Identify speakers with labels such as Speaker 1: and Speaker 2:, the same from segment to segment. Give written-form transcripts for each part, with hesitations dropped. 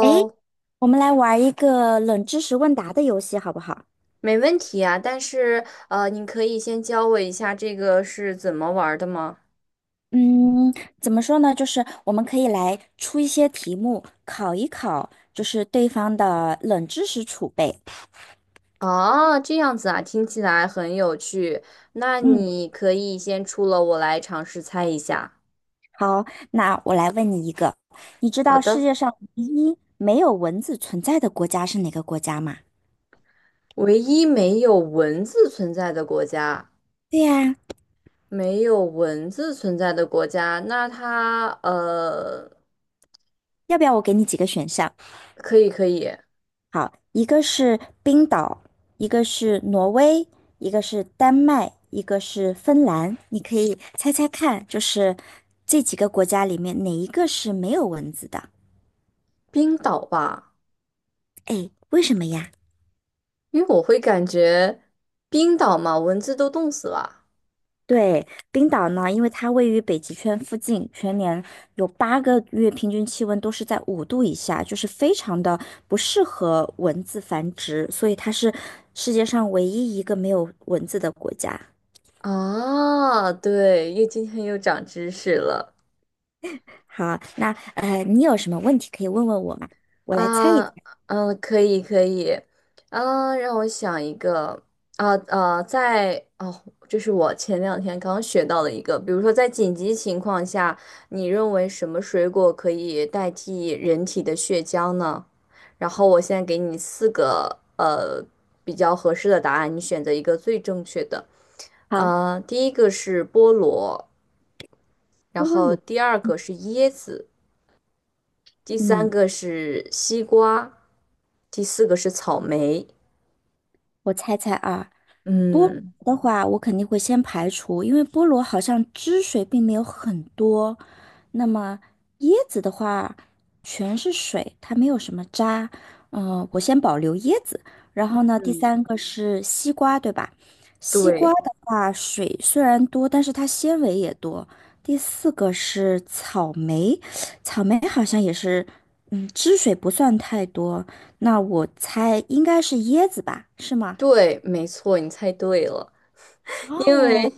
Speaker 1: 诶，我们来玩一个冷知识问答的游戏，好不好？
Speaker 2: 没问题啊，但是你可以先教我一下这个是怎么玩儿的吗？
Speaker 1: 嗯，怎么说呢？就是我们可以来出一些题目，考一考，就是对方的冷知识储备。
Speaker 2: 啊，这样子啊，听起来很有趣。那
Speaker 1: 嗯，
Speaker 2: 你可以先出了，我来尝试猜一下。
Speaker 1: 好，那我来问你一个，你知
Speaker 2: 好
Speaker 1: 道世
Speaker 2: 的，
Speaker 1: 界上唯一没有蚊子存在的国家是哪个国家吗？
Speaker 2: 唯一没有文字存在的国家，
Speaker 1: 对呀，
Speaker 2: 没有文字存在的国家，那它
Speaker 1: 要不要我给你几个选项？
Speaker 2: 可以可以，
Speaker 1: 好，一个是冰岛，一个是挪威，一个是丹麦，一个是芬兰。你可以猜猜看，就是这几个国家里面哪一个是没有蚊子的？
Speaker 2: 冰岛吧，
Speaker 1: 哎，为什么呀？
Speaker 2: 因为我会感觉冰岛嘛，蚊子都冻死了。
Speaker 1: 对，冰岛呢，因为它位于北极圈附近，全年有8个月平均气温都是在5度以下，就是非常的不适合蚊子繁殖，所以它是世界上唯一一个没有蚊子的国家。
Speaker 2: 啊，对，又今天又长知识了。
Speaker 1: 好，那你有什么问题可以问问我吗？我来猜一
Speaker 2: 啊，
Speaker 1: 猜。
Speaker 2: 嗯，可以可以，啊，让我想一个，啊啊，在哦，这是我前两天刚学到的一个，比如说在紧急情况下，你认为什么水果可以代替人体的血浆呢？然后我现在给你四个比较合适的答案，你选择一个最正确的。
Speaker 1: 好，
Speaker 2: 啊，第一个是菠萝，然
Speaker 1: 菠
Speaker 2: 后
Speaker 1: 萝，
Speaker 2: 第二个是椰子。第三
Speaker 1: 嗯，
Speaker 2: 个是西瓜，第四个是草莓。
Speaker 1: 我猜猜啊，菠萝
Speaker 2: 嗯，
Speaker 1: 的话，我肯定会先排除，因为菠萝好像汁水并没有很多。那么椰子的话，全是水，它没有什么渣。嗯、我先保留椰子。然后呢，第三个是西瓜，对吧？西瓜
Speaker 2: 对
Speaker 1: 的话，水虽然多，但是它纤维也多。第四个是草莓，草莓好像也是，嗯，汁水不算太多。那我猜应该是椰子吧，是吗？
Speaker 2: 对，没错，你猜对了。因为。
Speaker 1: 哦，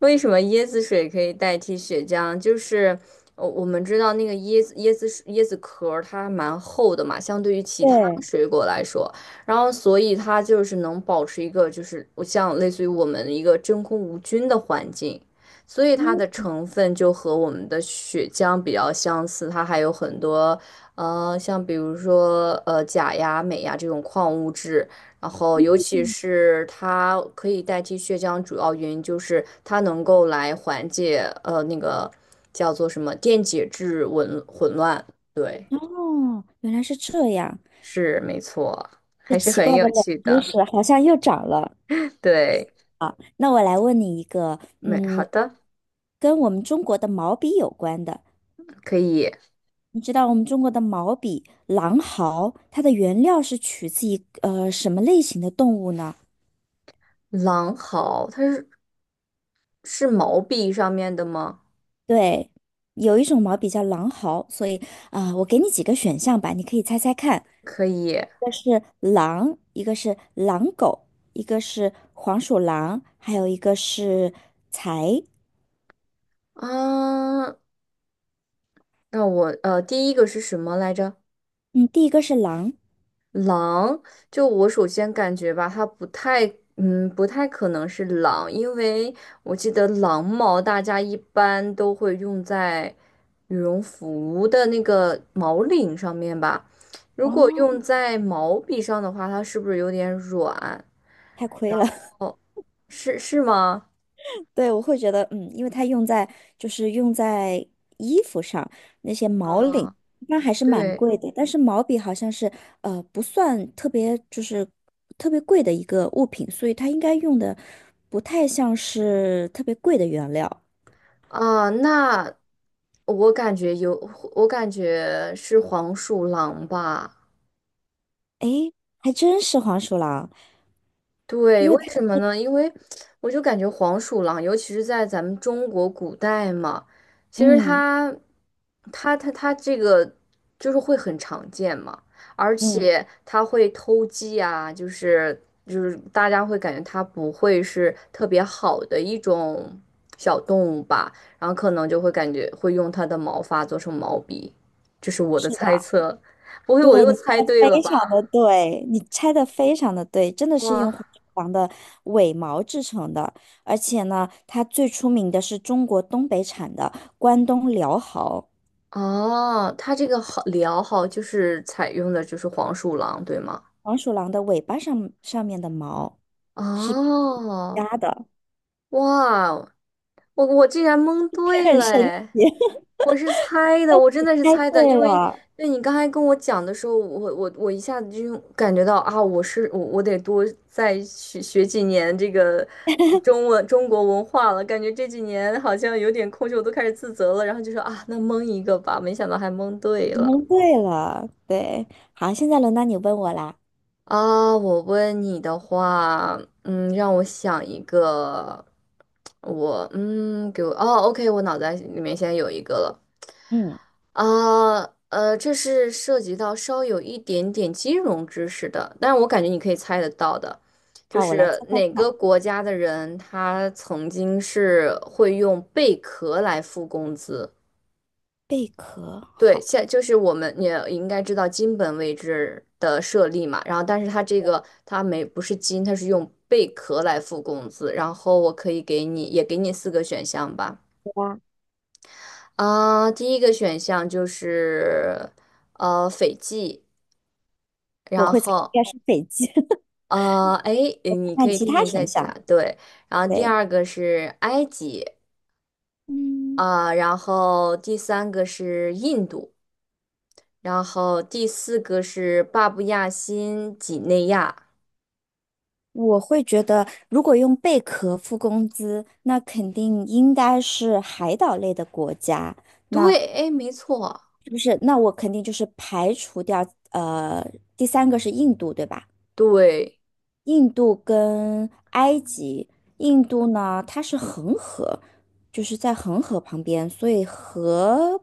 Speaker 2: 为什么椰子水可以代替血浆？就是我们知道那个椰子水椰子壳儿它蛮厚的嘛，相对于其他
Speaker 1: 对，
Speaker 2: 水果来说，然后所以它就是能保持一个就是像类似于我们一个真空无菌的环境，所以它
Speaker 1: 嗯
Speaker 2: 的成分就和我们的血浆比较相似，它还有很多像比如说钾呀、镁呀这种矿物质。然后，尤其
Speaker 1: 嗯，
Speaker 2: 是它可以代替血浆，主要原因就是它能够来缓解那个叫做什么电解质紊混乱。对，
Speaker 1: 哦，原来是这样，
Speaker 2: 是没错，
Speaker 1: 这
Speaker 2: 还是
Speaker 1: 奇
Speaker 2: 很
Speaker 1: 怪
Speaker 2: 有
Speaker 1: 的冷
Speaker 2: 趣
Speaker 1: 知
Speaker 2: 的。
Speaker 1: 识好像又长了。
Speaker 2: 对，
Speaker 1: 那我来问你一个，
Speaker 2: 没好
Speaker 1: 嗯，
Speaker 2: 的，
Speaker 1: 跟我们中国的毛笔有关的。
Speaker 2: 可以。
Speaker 1: 你知道我们中国的毛笔狼毫，它的原料是取自于什么类型的动物呢？
Speaker 2: 狼毫，它是毛笔上面的吗？
Speaker 1: 对，有一种毛笔叫狼毫，所以我给你几个选项吧，你可以猜猜看。
Speaker 2: 可以
Speaker 1: 一个是狼，一个是狼狗，一个是黄鼠狼，还有一个是财。
Speaker 2: 啊。那我第一个是什么来着？
Speaker 1: 嗯，第一个是狼，
Speaker 2: 狼，就我首先感觉吧，它不太，嗯，不太可能是狼，因为我记得狼毛大家一般都会用在羽绒服的那个毛领上面吧。如果
Speaker 1: 哦，
Speaker 2: 用在毛笔上的话，它是不是有点软？
Speaker 1: 太亏了。
Speaker 2: 是吗？
Speaker 1: 对，我会觉得，嗯，因为它用在就是用在衣服上，那些毛领
Speaker 2: 啊，
Speaker 1: 那还是蛮
Speaker 2: 对
Speaker 1: 贵的，但是毛笔好像是不算特别特别贵的一个物品，所以它应该用的不太像是特别贵的原料。
Speaker 2: 啊，那我感觉有，我感觉是黄鼠狼吧。
Speaker 1: 诶，还真是黄鼠狼，
Speaker 2: 对，
Speaker 1: 因
Speaker 2: 为
Speaker 1: 为
Speaker 2: 什
Speaker 1: 它
Speaker 2: 么呢？因为我就感觉黄鼠狼，尤其是在咱们中国古代嘛，其实
Speaker 1: 嗯。
Speaker 2: 它这个就是会很常见嘛，而
Speaker 1: 嗯，
Speaker 2: 且它会偷鸡啊，就是大家会感觉它不会是特别好的一种小动物吧，然后可能就会感觉会用它的毛发做成毛笔，这是我的
Speaker 1: 是
Speaker 2: 猜
Speaker 1: 的，
Speaker 2: 测，不会我
Speaker 1: 对，
Speaker 2: 又猜对了吧？
Speaker 1: 你猜的非常的对，真的是用黄
Speaker 2: 哇！
Speaker 1: 鼠狼的尾毛制成的，而且呢，它最出名的是中国东北产的关东辽豪
Speaker 2: 哦，他这个好聊好就是采用的就是黄鼠狼，对吗？
Speaker 1: 黄鼠狼的尾巴上面的毛是皮
Speaker 2: 哦，
Speaker 1: 夹的，
Speaker 2: 哇哦，我竟然蒙 对
Speaker 1: 很
Speaker 2: 了
Speaker 1: 神
Speaker 2: 哎！
Speaker 1: 奇。
Speaker 2: 我是猜的，我真的是
Speaker 1: 猜
Speaker 2: 猜的，因
Speaker 1: 对
Speaker 2: 为
Speaker 1: 了，
Speaker 2: 对你刚才跟我讲的时候，我一下子就感觉到啊，我是我我得多再学学几年这个中文中国文化了，感觉这几年好像有点空虚，我都开始自责了，然后就说啊，那蒙一个吧，没想到还蒙对
Speaker 1: 你
Speaker 2: 了。
Speaker 1: 蒙对了，对，好，现在轮到你问我啦，
Speaker 2: 啊，我问你的话，嗯，让我想一个，我给我哦，OK，我脑袋里面现在有一个了。
Speaker 1: 嗯，
Speaker 2: 啊，这是涉及到稍有一点点金融知识的，但是我感觉你可以猜得到的，就
Speaker 1: 好，我来
Speaker 2: 是
Speaker 1: 猜猜
Speaker 2: 哪个
Speaker 1: 看，
Speaker 2: 国家的人他曾经是会用贝壳来付工资？
Speaker 1: 贝壳，
Speaker 2: 对，
Speaker 1: 好，
Speaker 2: 就是我们也应该知道金本位制的设立嘛，然后但是它这个它没不是金，它是用贝壳来付工资，然后我可以给你四个选项吧，
Speaker 1: 对吧？
Speaker 2: 啊、第一个选项就是斐济，
Speaker 1: 我
Speaker 2: 然
Speaker 1: 会猜应
Speaker 2: 后
Speaker 1: 该是北极，
Speaker 2: 哎你可
Speaker 1: 看
Speaker 2: 以
Speaker 1: 其
Speaker 2: 听
Speaker 1: 他
Speaker 2: 听再
Speaker 1: 选
Speaker 2: 起答
Speaker 1: 项，
Speaker 2: 对，然后第
Speaker 1: 对。
Speaker 2: 二个是埃及，
Speaker 1: 嗯，
Speaker 2: 啊、然后第三个是印度，然后第四个是巴布亚新几内亚。
Speaker 1: 我会觉得，如果用贝壳付工资，那肯定应该是海岛类的国家。那
Speaker 2: 对，哎，没错，
Speaker 1: 是不是，那我肯定就是排除掉，呃，第三个是印度，对吧？
Speaker 2: 对，
Speaker 1: 印度跟埃及，印度呢它是恒河，就是在恒河旁边，所以河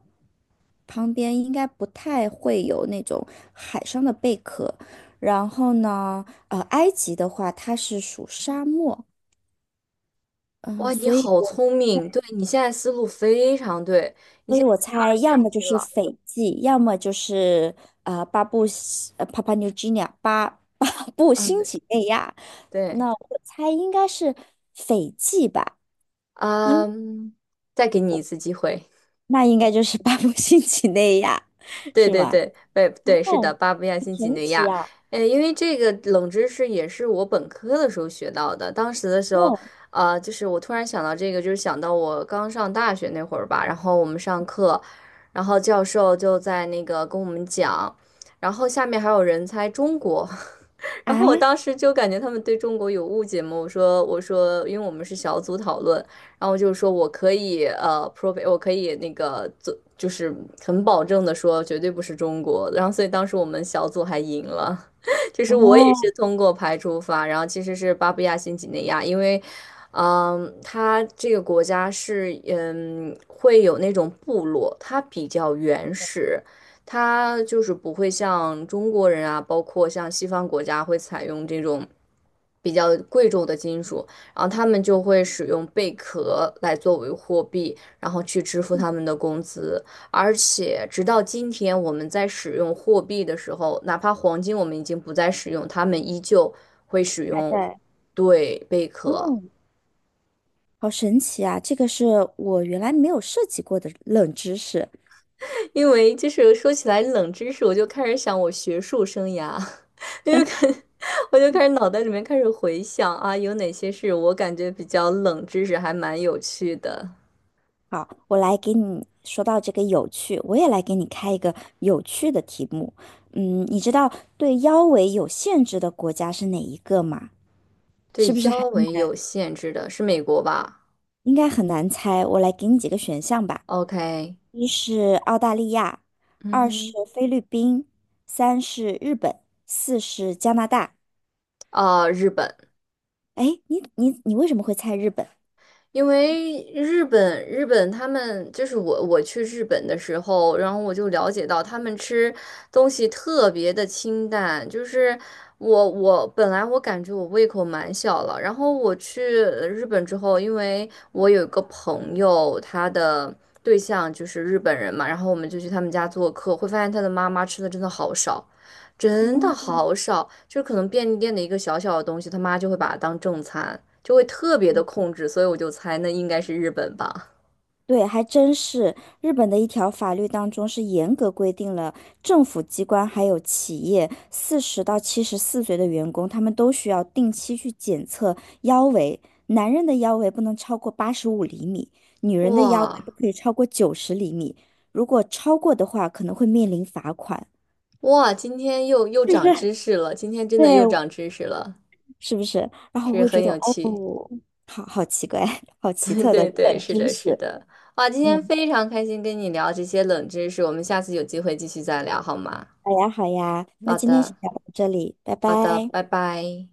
Speaker 1: 旁边应该不太会有那种海上的贝壳。然后呢，埃及的话它是属沙漠，嗯、
Speaker 2: 哇，你
Speaker 1: 所以
Speaker 2: 好
Speaker 1: 我
Speaker 2: 聪明，对你现在思路非常对，
Speaker 1: 所以我猜
Speaker 2: 二
Speaker 1: 要
Speaker 2: 选
Speaker 1: 么就
Speaker 2: 一
Speaker 1: 是
Speaker 2: 了，
Speaker 1: 斐济，要么就是呃巴布西呃帕帕 p u a 巴 巴布
Speaker 2: 嗯，
Speaker 1: 新
Speaker 2: 对
Speaker 1: 几内亚。
Speaker 2: 对，
Speaker 1: 那我猜应该是斐济吧。
Speaker 2: 嗯，再给你一次机会，
Speaker 1: 那应该就是巴布新几内亚，
Speaker 2: 对
Speaker 1: 是
Speaker 2: 对
Speaker 1: 吗？
Speaker 2: 对，对对，是的，
Speaker 1: 哦
Speaker 2: 巴布亚新几内亚，哎，因为这个冷知识也是我本科的时候学到的，当时的时候，
Speaker 1: 哦
Speaker 2: 就是我突然想到这个，就是想到我刚上大学那会儿吧，然后我们上课，然后教授就在那个跟我们讲。然后下面还有人猜中国，然后我
Speaker 1: 啊，
Speaker 2: 当时就感觉他们对中国有误解嘛，我说，因为我们是小组讨论，然后就说我可以prove 我可以那个做，就是很保证的说绝对不是中国，然后所以当时我们小组还赢了，就是我也
Speaker 1: 哦，
Speaker 2: 是通过排除法，然后其实是巴布亚新几内亚，因为。嗯，它这个国家是，会有那种部落，它比较原始，它就是不会像中国人啊，包括像西方国家会采用这种比较贵重的金属，然后他们就会使用贝壳来作为货币，然后去支付他们的工资。而且直到今天，我们在使用货币的时候，哪怕黄金我们已经不再使用，他们依旧会使
Speaker 1: 还
Speaker 2: 用
Speaker 1: 在，
Speaker 2: 对贝壳。
Speaker 1: 嗯好神奇啊！这个是我原来没有涉及过的冷知识。
Speaker 2: 因为就是说起来冷知识，我就开始想我学术生涯。因为看，我就脑袋里面开始回想啊，有哪些是我感觉比较冷知识，还蛮有趣的。
Speaker 1: 好，我来给你说到这个有趣，我也来给你开一个有趣的题目。嗯，你知道对腰围有限制的国家是哪一个吗？
Speaker 2: 对
Speaker 1: 是不是很
Speaker 2: 腰围
Speaker 1: 难？
Speaker 2: 有限制的是美国吧
Speaker 1: 应该很难猜。我来给你几个选项吧。
Speaker 2: ？OK，
Speaker 1: 一是澳大利亚，
Speaker 2: 嗯
Speaker 1: 二是
Speaker 2: 哼，
Speaker 1: 菲律宾，三是日本，四是加拿大。
Speaker 2: 啊，日本，
Speaker 1: 哎，你为什么会猜日本？
Speaker 2: 因为日本，日本他们就是我去日本的时候，然后我就了解到他们吃东西特别的清淡，就是我本来我感觉我胃口蛮小了，然后我去日本之后，因为我有一个朋友，他的对象就是日本人嘛，然后我们就去他们家做客，会发现他的妈妈吃的真的好少。真的
Speaker 1: 嗯，
Speaker 2: 好少，就是可能便利店的一个小小的东西，他妈就会把它当正餐，就会特别的控制，所以我就猜那应该是日本吧。
Speaker 1: 对，还真是。日本的一条法律当中是严格规定了政府机关还有企业40到74岁的员工，他们都需要定期去检测腰围。男人的腰围不能超过85厘米，女人的腰围
Speaker 2: 哇
Speaker 1: 不可以超过90厘米。如果超过的话，可能会面临罚款。
Speaker 2: 哇，今天又长知 识了，今天真的又
Speaker 1: 对，
Speaker 2: 长知识了，
Speaker 1: 是不是？然后我
Speaker 2: 是
Speaker 1: 会觉
Speaker 2: 很
Speaker 1: 得，
Speaker 2: 有
Speaker 1: 哦，
Speaker 2: 趣。
Speaker 1: 好好奇怪，好 奇
Speaker 2: 对
Speaker 1: 特的
Speaker 2: 对对，
Speaker 1: 冷
Speaker 2: 是
Speaker 1: 知
Speaker 2: 的，
Speaker 1: 识。
Speaker 2: 是的。哇，今天
Speaker 1: 嗯，
Speaker 2: 非常开心跟你聊这些冷知识，我们下次有机会继续再聊好吗？
Speaker 1: 好呀，好呀，那
Speaker 2: 好
Speaker 1: 今天先
Speaker 2: 的，
Speaker 1: 聊到这里，拜
Speaker 2: 好的，
Speaker 1: 拜。
Speaker 2: 拜拜。